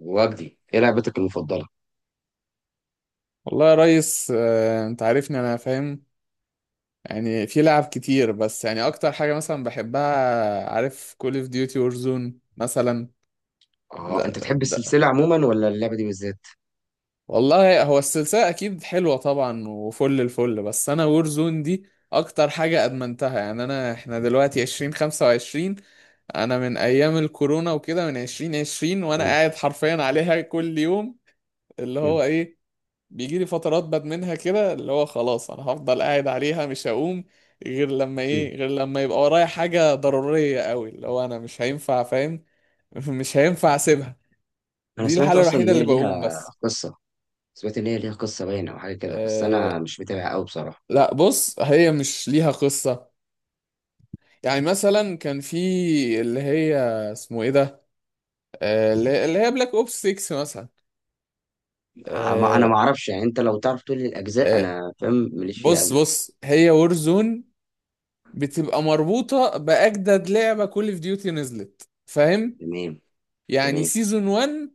وجدي، ايه لعبتك المفضله؟ والله يا ريس انت عارفني انا فاهم، يعني في لعب كتير. بس يعني اكتر حاجة مثلا بحبها، عارف، كول اوف ديوتي وورزون مثلا. اه، ده انت تحب ده السلسله عموما ولا اللعبه دي بالذات؟ والله هو السلسلة اكيد حلوة طبعا، وفل الفل، بس انا وورزون دي اكتر حاجة ادمنتها. يعني انا احنا دلوقتي 2025، انا من ايام الكورونا وكده، من 2020 وانا مم. قاعد حرفيا عليها كل يوم. اللي هو مم. ايه، بيجي لي فترات بدمنها كده، اللي هو خلاص انا هفضل قاعد عليها مش هقوم غير لما مم. ايه، غير لما يبقى ورايا حاجة ضرورية قوي، اللي هو انا مش هينفع فاهم. مش هينفع اسيبها، انا دي سمعت الحالة اصلا الوحيدة ان اللي هي بقوم ليها بس. قصه. سمعت ان هي ليها قصه باينه او حاجه كده، بس أه، انا مش متابع قوي بصراحه. لا بص هي مش ليها قصة. يعني مثلا كان في اللي هي اسمه ايه ده، أه اللي اللي هي بلاك اوبس 6 مثلا. انا أه ما اعرفش، يعني انت لو تعرف تقول لي الاجزاء، أه انا فاهم ماليش فيها بص قوي. بص هي وورزون بتبقى مربوطة بأجدد لعبة كول اوف ديوتي نزلت، فاهم. تمام. يعني تمام. سيزون 1،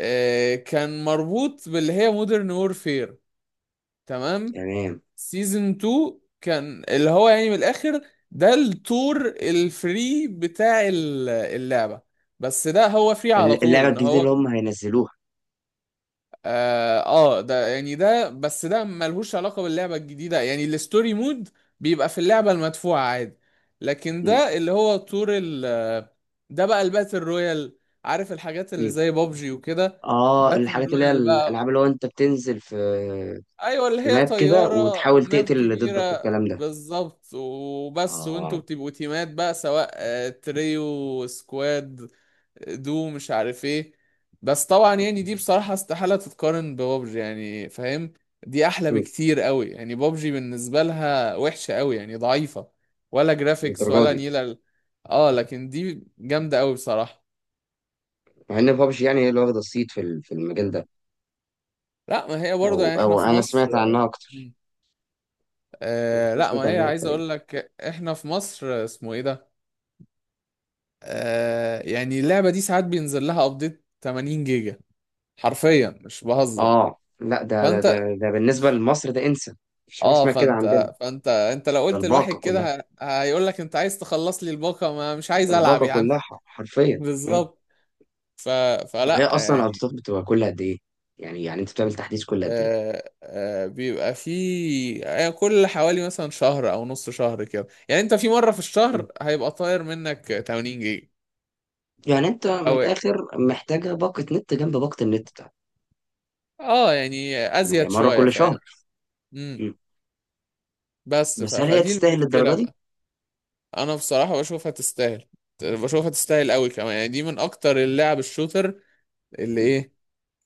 كان مربوط باللي هي مودرن وورفير، تمام. تمام. سيزون 2 كان اللي هو يعني من الآخر، ده التور الفري بتاع اللعبة. بس ده هو فري على طول اللعبه ان الجديده اللي هو هم هينزلوها. ده يعني ده، بس ده ملهوش علاقة باللعبة الجديدة، يعني الستوري مود بيبقى في اللعبة المدفوعة عادي. لكن مم. ده اللي هو طور ال ده بقى الباتل رويال، عارف الحاجات اللي مم. زي بابجي وكده. اه، باتل الحاجات اللي هي رويال بقى، الالعاب اللي هو انت بتنزل في، ايوه اللي في هي ماب كده طيارة وتحاول وماب تقتل اللي ضدك كبيرة. والكلام ده. بالظبط، وبس، وانتوا اه. بتبقوا تيمات بقى سواء تريو، سكواد، دو مش عارف ايه. بس طبعا يعني دي بصراحة استحالة تتقارن ببابجي، يعني فاهم، دي احلى مم. بكتير قوي. يعني بابجي بالنسبة لها وحشة قوي، يعني ضعيفة، ولا جرافيكس بالدرجه ولا دي. نيلة اه لكن دي جامدة قوي بصراحة. مع ان بابجي يعني هي اللي واخده الصيت في المجال ده. لا ما هي او برضه يعني احنا او في انا مصر. سمعت عنها اكتر. مم. انا لا ما سمعت هي، عنها اكتر عايز يعني. اقول لك احنا في مصر، اسمه ايه ده. يعني اللعبة دي ساعات بينزل لها ابديت 80 جيجا، حرفيا مش بهزر. اه، لا، فانت، ده بالنسبه لمصر ده انسى. مفيش حاجه اه، اسمها كده فانت عندنا. فانت انت لو ده قلت لواحد الباقه كلها. كده هيقول لك انت عايز تخلص لي الباقة، ما مش عايز العب الباقه يا عم. كلها حرفيا. مم. بالظبط. ف... وهي فلا اصلا يعني. الارتباط بتبقى كل قد ايه؟ يعني انت بتعمل تحديث كل قد ايه؟ بيبقى في كل حوالي مثلا شهر او نص شهر كده. يعني انت في مرة في مم. الشهر هيبقى طاير منك 80 جيجا. يعني انت من او الاخر محتاجه باقه نت جنب باقه النت بتاعتك. اه يعني ما هي ازيد مره شوية كل شهر. فاهم. امم. مم. بس بس هل هي فدي تستاهل المشكلة الدرجه دي؟ بقى. انا بصراحة بشوفها تستاهل، بشوفها تستاهل قوي كمان، يعني دي من اكتر اللعب الشوتر اللي ايه،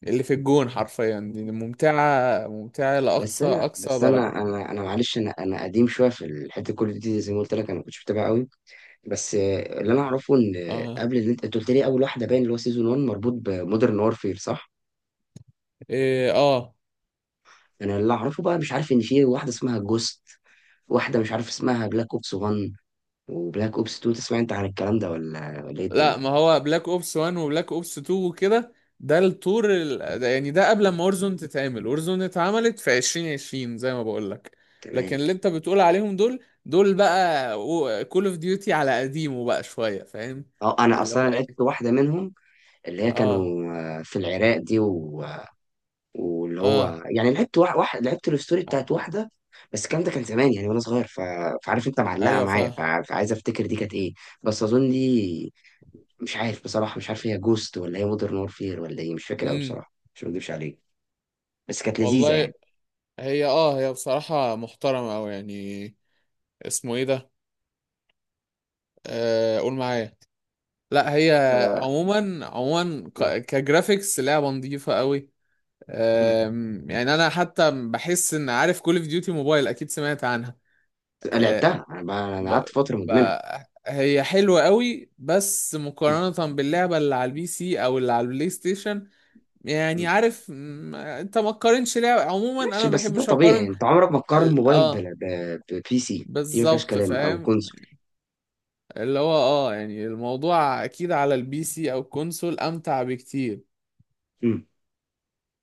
اللي في الجون حرفيا، دي ممتعة ممتعة بس لأقصى انا أقصى بس درجة. انا انا انا معلش، انا قديم شويه في الحته كل دي، زي ما قلت لك انا ما كنتش متابع قوي. بس اللي انا اعرفه ان اه، قبل اللي انت قلت لي اول واحده باين اللي هو سيزون 1 مربوط بمودرن وارفير، صح؟ إيه، اه، انا اللي اعرفه بقى، مش عارف ان في واحده اسمها جوست. واحده مش عارف اسمها بلاك اوبس 1، وبلاك اوبس 2. تسمع انت عن الكلام ده ولا ايه الدنيا؟ لا ما هو بلاك اوبس 1 وبلاك اوبس 2 وكده، ده الطور ده يعني ده قبل ما اورزون تتعمل. اورزون اتعملت في 2020 زي ما بقول لك. لكن تمام. اللي انت بتقول عليهم دول بقى كول اوف ديوتي على قديمه بقى شوية فاهم. اه، انا اللي هو اصلا لعبت ايه، واحده منهم. اللي هي اه، كانوا، في العراق دي، واللي اه، هو يعني لعبت واحد لعبت الستوري ع- بتاعت واحده. بس الكلام ده كان زمان يعني وانا صغير، فعارف انت معلقه ايوه معايا، فاهم. فعايز افتكر دي كانت ايه. بس اظن دي، مش عارف بصراحه، مش عارف هي جوست ولا هي مودرن وورفير ولا ايه، مش فاكر قوي امم. بصراحه، مش مكدبش عليك. بس كانت لذيذه والله، يعني. هي اه هي بصراحة محترمة أوي، يعني اسمه ايه ده، قول معايا. لا هي عموما عموما آه. كجرافيكس لعبه نظيفه قوي. مم. يعني انا حتى بحس ان عارف كول اوف ديوتي موبايل اكيد سمعت عنها. آه، لعبتها انا بقى، انا ب... قعدت فتره ب... مدمنها. هي حلوه قوي بس مم. مقارنه باللعبه اللي على البي سي او اللي على البلاي ستيشن. يعني مم. عارف انت ما تقارنش لعبه عموما، انا ماشي. ما بس ده بحبش طبيعي، اقارن. انت عمرك ما تقارن موبايل اه ببي سي، دي ما فيهاش بالظبط كلام، او فاهم. كونسول. اللي هو اه يعني الموضوع اكيد على البي سي او الكونسول امتع بكتير.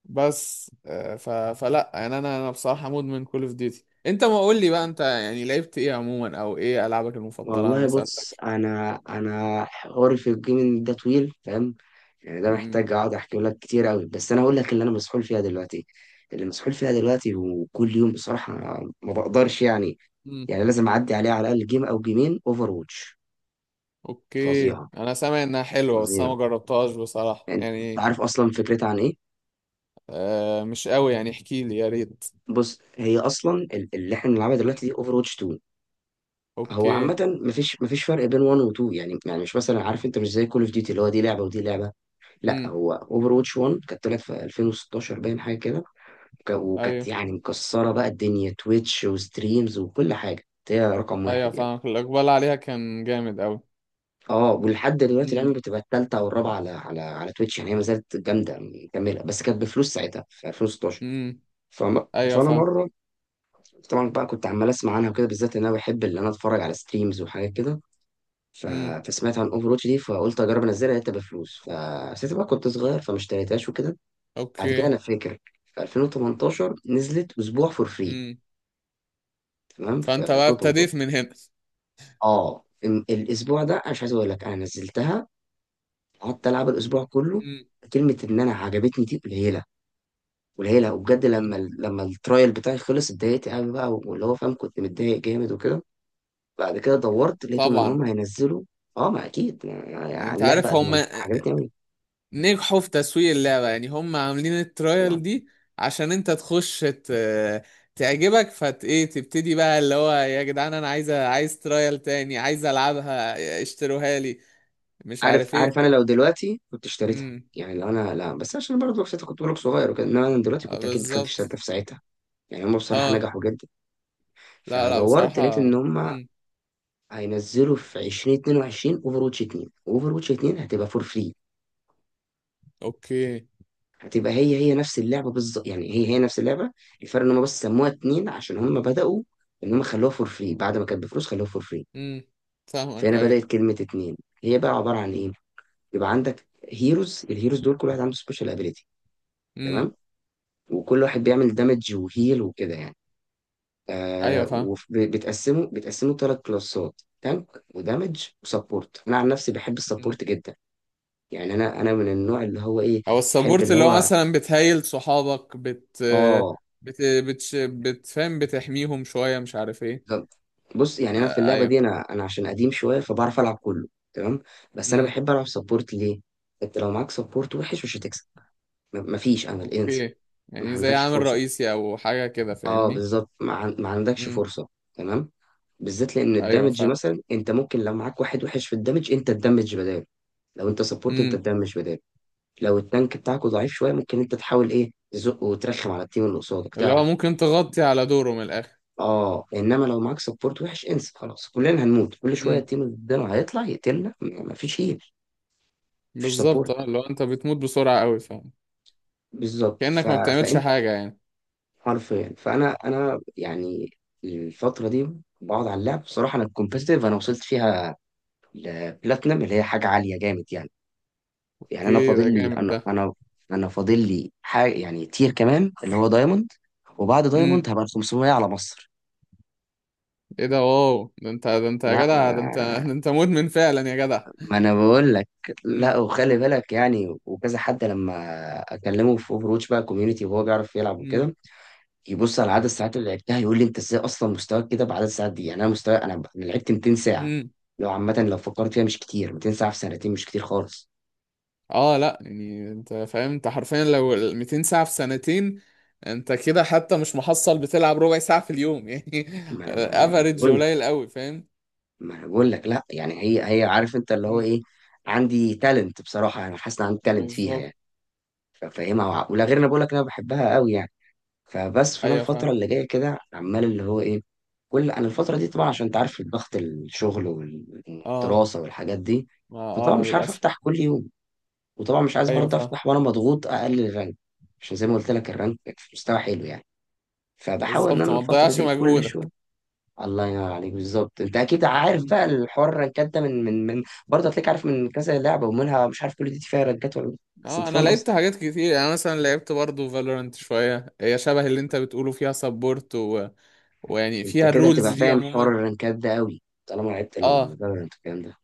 بس فلا يعني، انا بصراحه مدمن كول اوف ديوتي. انت ما قول لي بقى، انت يعني لعبت ايه عموما او ايه العابك المفضله، انا والله ما بص، سالتكش. انا حواري في الجيمنج ده طويل فاهم. يعني ده امم. محتاج اقعد احكي لك كتير قوي، بس انا هقول لك اللي انا مسحول فيها دلوقتي. اللي مسحول فيها دلوقتي وكل يوم بصراحة، ما بقدرش يعني. أمم. يعني لازم اعدي عليه على الاقل جيم او جيمين اوفر واتش. اوكي، فظيعة. انا سامع انها حلوه بس انا فظيعة. ما جربتهاش بصراحه يعني انت يعني. عارف اصلا فكرتها عن ايه؟ آه مش قوي يعني، احكي لي يا ريت. بص، هي اصلا اللي احنا بنلعبها دلوقتي أمم. دي اوفر واتش 2. هو اوكي. عامة مفيش فرق بين 1 و 2، يعني مش مثلا عارف انت مش زي كول اوف ديوتي اللي هو دي لعبة ودي لعبة. لا، امم. هو اوفر واتش 1 كانت طلعت في 2016 باين حاجه كده، وكانت ايوه يعني مكسره بقى الدنيا تويتش وستريمز وكل حاجه. كانت هي رقم ايوه واحد يعني. فاهمك، الاقبال عليها كان جامد قوي. اه، ولحد دلوقتي الان امم. بتبقى الثالثه او الرابعه على تويتش، يعني هي ما زالت جامده مكمله، بس كانت بفلوس ساعتها في 2016. امم. فم... ايوه فانا فاهم. مره، طبعا بقى كنت عمال اسمع عنها وكده، بالذات ان انا بحب ان انا اتفرج على ستريمز وحاجات كده، ف... امم. فسمعت عن اوفر واتش دي، فقلت اجرب انزلها، لقيتها بفلوس، فساعتها بقى كنت صغير فما اشتريتهاش وكده. بعد كده اوكي. انا فاكر في 2018 نزلت اسبوع فور فري. امم. تمام، في فانت بقى ابتديت 2018. من هنا. اه، الاسبوع ده انا مش عايز اقول لك انا نزلتها. قعدت العب الاسبوع كله. امم. كلمه ان انا عجبتني دي قليله. قليله، وبجد لما لما الترايل بتاعي خلص اتضايقت قوي بقى، واللي هو فاهم كنت متضايق جامد وكده. بعد كده دورت لقيتهم ان طبعا. هم هينزلوا. اه، ما اكيد يعني انت اللعبه عارف هم ادمنت عجبتني قوي. نجحوا في تسويق اللعبة، يعني هم عاملين الترايل دي عشان انت تخش تعجبك فت ايه، تبتدي بقى اللي هو يا جدعان انا عايز عايز ترايل تاني، عايز العبها اشتروها لي، مش عارف عارف ايه عارف انا لو دلوقتي كنت اشتريتها. امم. يعني لو انا، لا، بس عشان برضه وقتها كنت بقولك صغير وكده، انما انا دلوقتي اه كنت اكيد دخلت اشتريتها بالظبط. في ساعتها. يعني هم بصراحه اه نجحوا جدا. لا لا فدورت لقيت بصراحة. ان هم امم. هينزلوا في 2022 اوفر واتش 2. اوفر واتش 2 هتبقى فور فري. اوكي. هتبقى هي نفس اللعبه بالظبط. يعني هي نفس اللعبه. الفرق ان هم بس سموها 2 عشان هم بداوا ان هم خلوها فور فري، بعد ما كانت بفلوس خلوها فور فري. امم. فاهمك فهنا ايوه. بدات كلمه 2. هي بقى عباره عن ايه؟ يبقى عندك هيروز. الهيروز دول كل واحد عنده سبيشال ابيليتي. امم. تمام. وكل واحد بيعمل دامج وهيل وكده يعني. ايوه فاهم. وبتقسمه، بتقسمه ثلاث كلاسات: تانك ودامج وسبورت. انا عن نفسي بحب السبورت جدا. يعني انا من النوع اللي هو ايه، او بحب السبورت اللي اللي هو هو، مثلا بتهيل صحابك اه، بت بتفهم بتحميهم شوية مش عارف ايه. ب- بص، يعني انا في آه اللعبه دي ايوه. انا عشان قديم شويه فبعرف العب كله. تمام. بس انا امم. بحب العب سبورت ليه؟ انت لو معاك سبورت وحش مش هتكسب. مفيش امل، انسى. اوكي. ما يعني زي عندكش عامل فرصه. رئيسي او حاجة كده اه، فاهمني. بالظبط، ما عندكش امم. فرصة. تمام. بالذات لان ايوه الدامج فاهم. مثلا، انت ممكن لو معاك واحد وحش في الدامج انت تدمج بداله، لو انت سبورت انت امم تدمج بداله، لو التانك بتاعك ضعيف شوية ممكن انت تحاول ايه تزق وترخم على التيم اللي قصادك اللي هو تعرف. ممكن تغطي على دوره من الاخر. اه، انما لو معاك سبورت وحش انسى خلاص، كلنا هنموت كل شوية، امم. التيم اللي قدامه هيطلع يقتلنا، مفيش هيل، مفيش بالظبط سبورت. اه اللي هو انت بتموت بسرعة قوي فاهم، بالظبط. كأنك ما بتعملش فانت حاجة يعني. حرفيا، فانا يعني الفترة دي بقعد على اللعب بصراحة. انا الكومبيتيتيف انا وصلت فيها لبلاتنم، اللي هي حاجة عالية جامد يعني. يعني أنا اوكي ده فاضل لي جامد ده. أنا فاضل لي حاجة، يعني تير كمان اللي هو دايموند. وبعد دايموند امم. هبقى ال 500 على مصر. ايه ده، واو، ده انت ده انت يا لا جدع ده انت ما، ده انت مدمن فعلا يا جدع. ما أنا بقول لك. لا، امم. وخلي بالك يعني، وكذا حد لما أكلمه في أوفرواتش بقى كوميونيتي وهو بيعرف يلعب وكده، يبص على عدد الساعات اللي لعبتها يقول لي أنت إزاي أصلا مستواك كده بعدد الساعات دي. يعني أنا مستوى، أنا لعبت 200 ساعة. امم. لو عامة لو فكرت فيها مش كتير، 200 ساعة في سنتين مش كتير خالص. اه لا يعني انت فاهم، انت حرفيا لو ال 200 ساعة في سنتين، انت كده حتى مش محصل بتلعب ربع ساعة في اليوم يعني. ما أنا، ما أنا افريج بقول، قليل قوي فاهم. ما انا بقول لك لا. يعني هي عارف انت اللي هو مم. ايه، عندي تالنت بصراحه، انا حاسس ان عندي تالنت فيها بالظبط. يعني. ففاهمها ولا غير، انا بقول لك انا بحبها قوي يعني. فبس فانا ايوه فاهم. الفتره اللي جايه كده عمال اللي هو ايه، كل انا الفتره دي طبعا عشان انت عارف ضغط الشغل اه، والدراسه والحاجات دي، ما فطبعا اه مش عارف للاسف. افتح كل يوم، وطبعا مش عايز ايوه برضه فاهم. افتح وانا مضغوط اقلل الرانك. عشان زي ما قلت لك الرانك في مستوى حلو يعني، فبحاول ان بالظبط انا ما الفتره تضيعش دي كل مجهودك. شويه. الله ينور عليك، بالظبط. انت اكيد عارف مم. بقى الحوار، الرنكات ده من برضه هتلاقيك عارف من كذا لعبه ومنها، مش عارف كل دي فيها رنكات ولا لا. بس انت اه انا فاهم لعبت قصدي. حاجات كتير، يعني مثلا لعبت برضو فالورانت شوية، هي شبه اللي انت بتقوله فيها سبورت ويعني انت فيها كده الرولز هتبقى دي فاهم حوار عموما. الرنكات ده قوي طالما لعبت اه الفالورنت والكلام ده.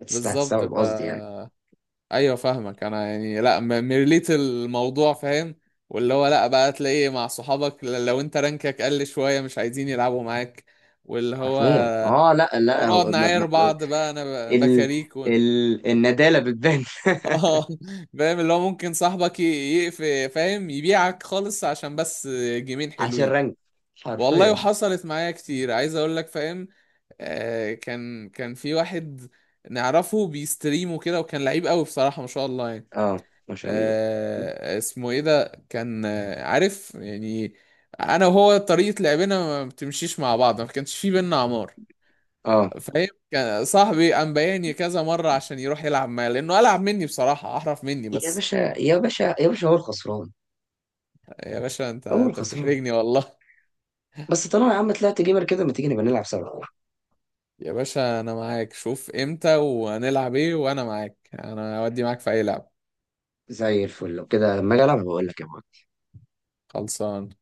بالظبط هتستوعب ف، قصدي يعني. ايوه فاهمك، انا يعني لا مريليت الموضوع فاهم. واللي هو لا بقى تلاقي مع صحابك لو انت رانكك قل شويه مش عايزين يلعبوا معاك. واللي هو، حرفيا. اه، لا لا، ونقعد نعاير بعض بقى، انا ال بكاريك ال الندالة بتبان اه فاهم، اللي هو ممكن صاحبك يقفل فاهم يبيعك خالص عشان بس جيمين عشان حلوين. رنك. والله حرفيا. وحصلت معايا كتير عايز اقول لك فاهم. آه، كان في واحد نعرفه بيستريم وكده، وكان لعيب قوي بصراحه، ما شاء الله يعني. اه، ما شاء الله. آه اسمه ايه ده كان، عارف يعني انا وهو طريقة لعبنا ما بتمشيش مع بعض، ما كانش في بينا عمار، اه، فاهم، كان صاحبي قام بايعني كذا مرة عشان يروح يلعب معايا، لانه العب مني بصراحة، احرف مني يا بس. باشا يا باشا يا باشا، هو الخسران. يا باشا، انت هو انت الخسران. بتحرجني والله. بس طالما يا عم طلعت جيمر كده، ما تيجي نبقى نلعب سوا؟ يا باشا انا معاك، شوف امتى وهنلعب ايه، وانا معاك، انا اودي معاك في اي لعب. زي الفل، لو كده لما اجي العب بقول لك يا معلم. خلصان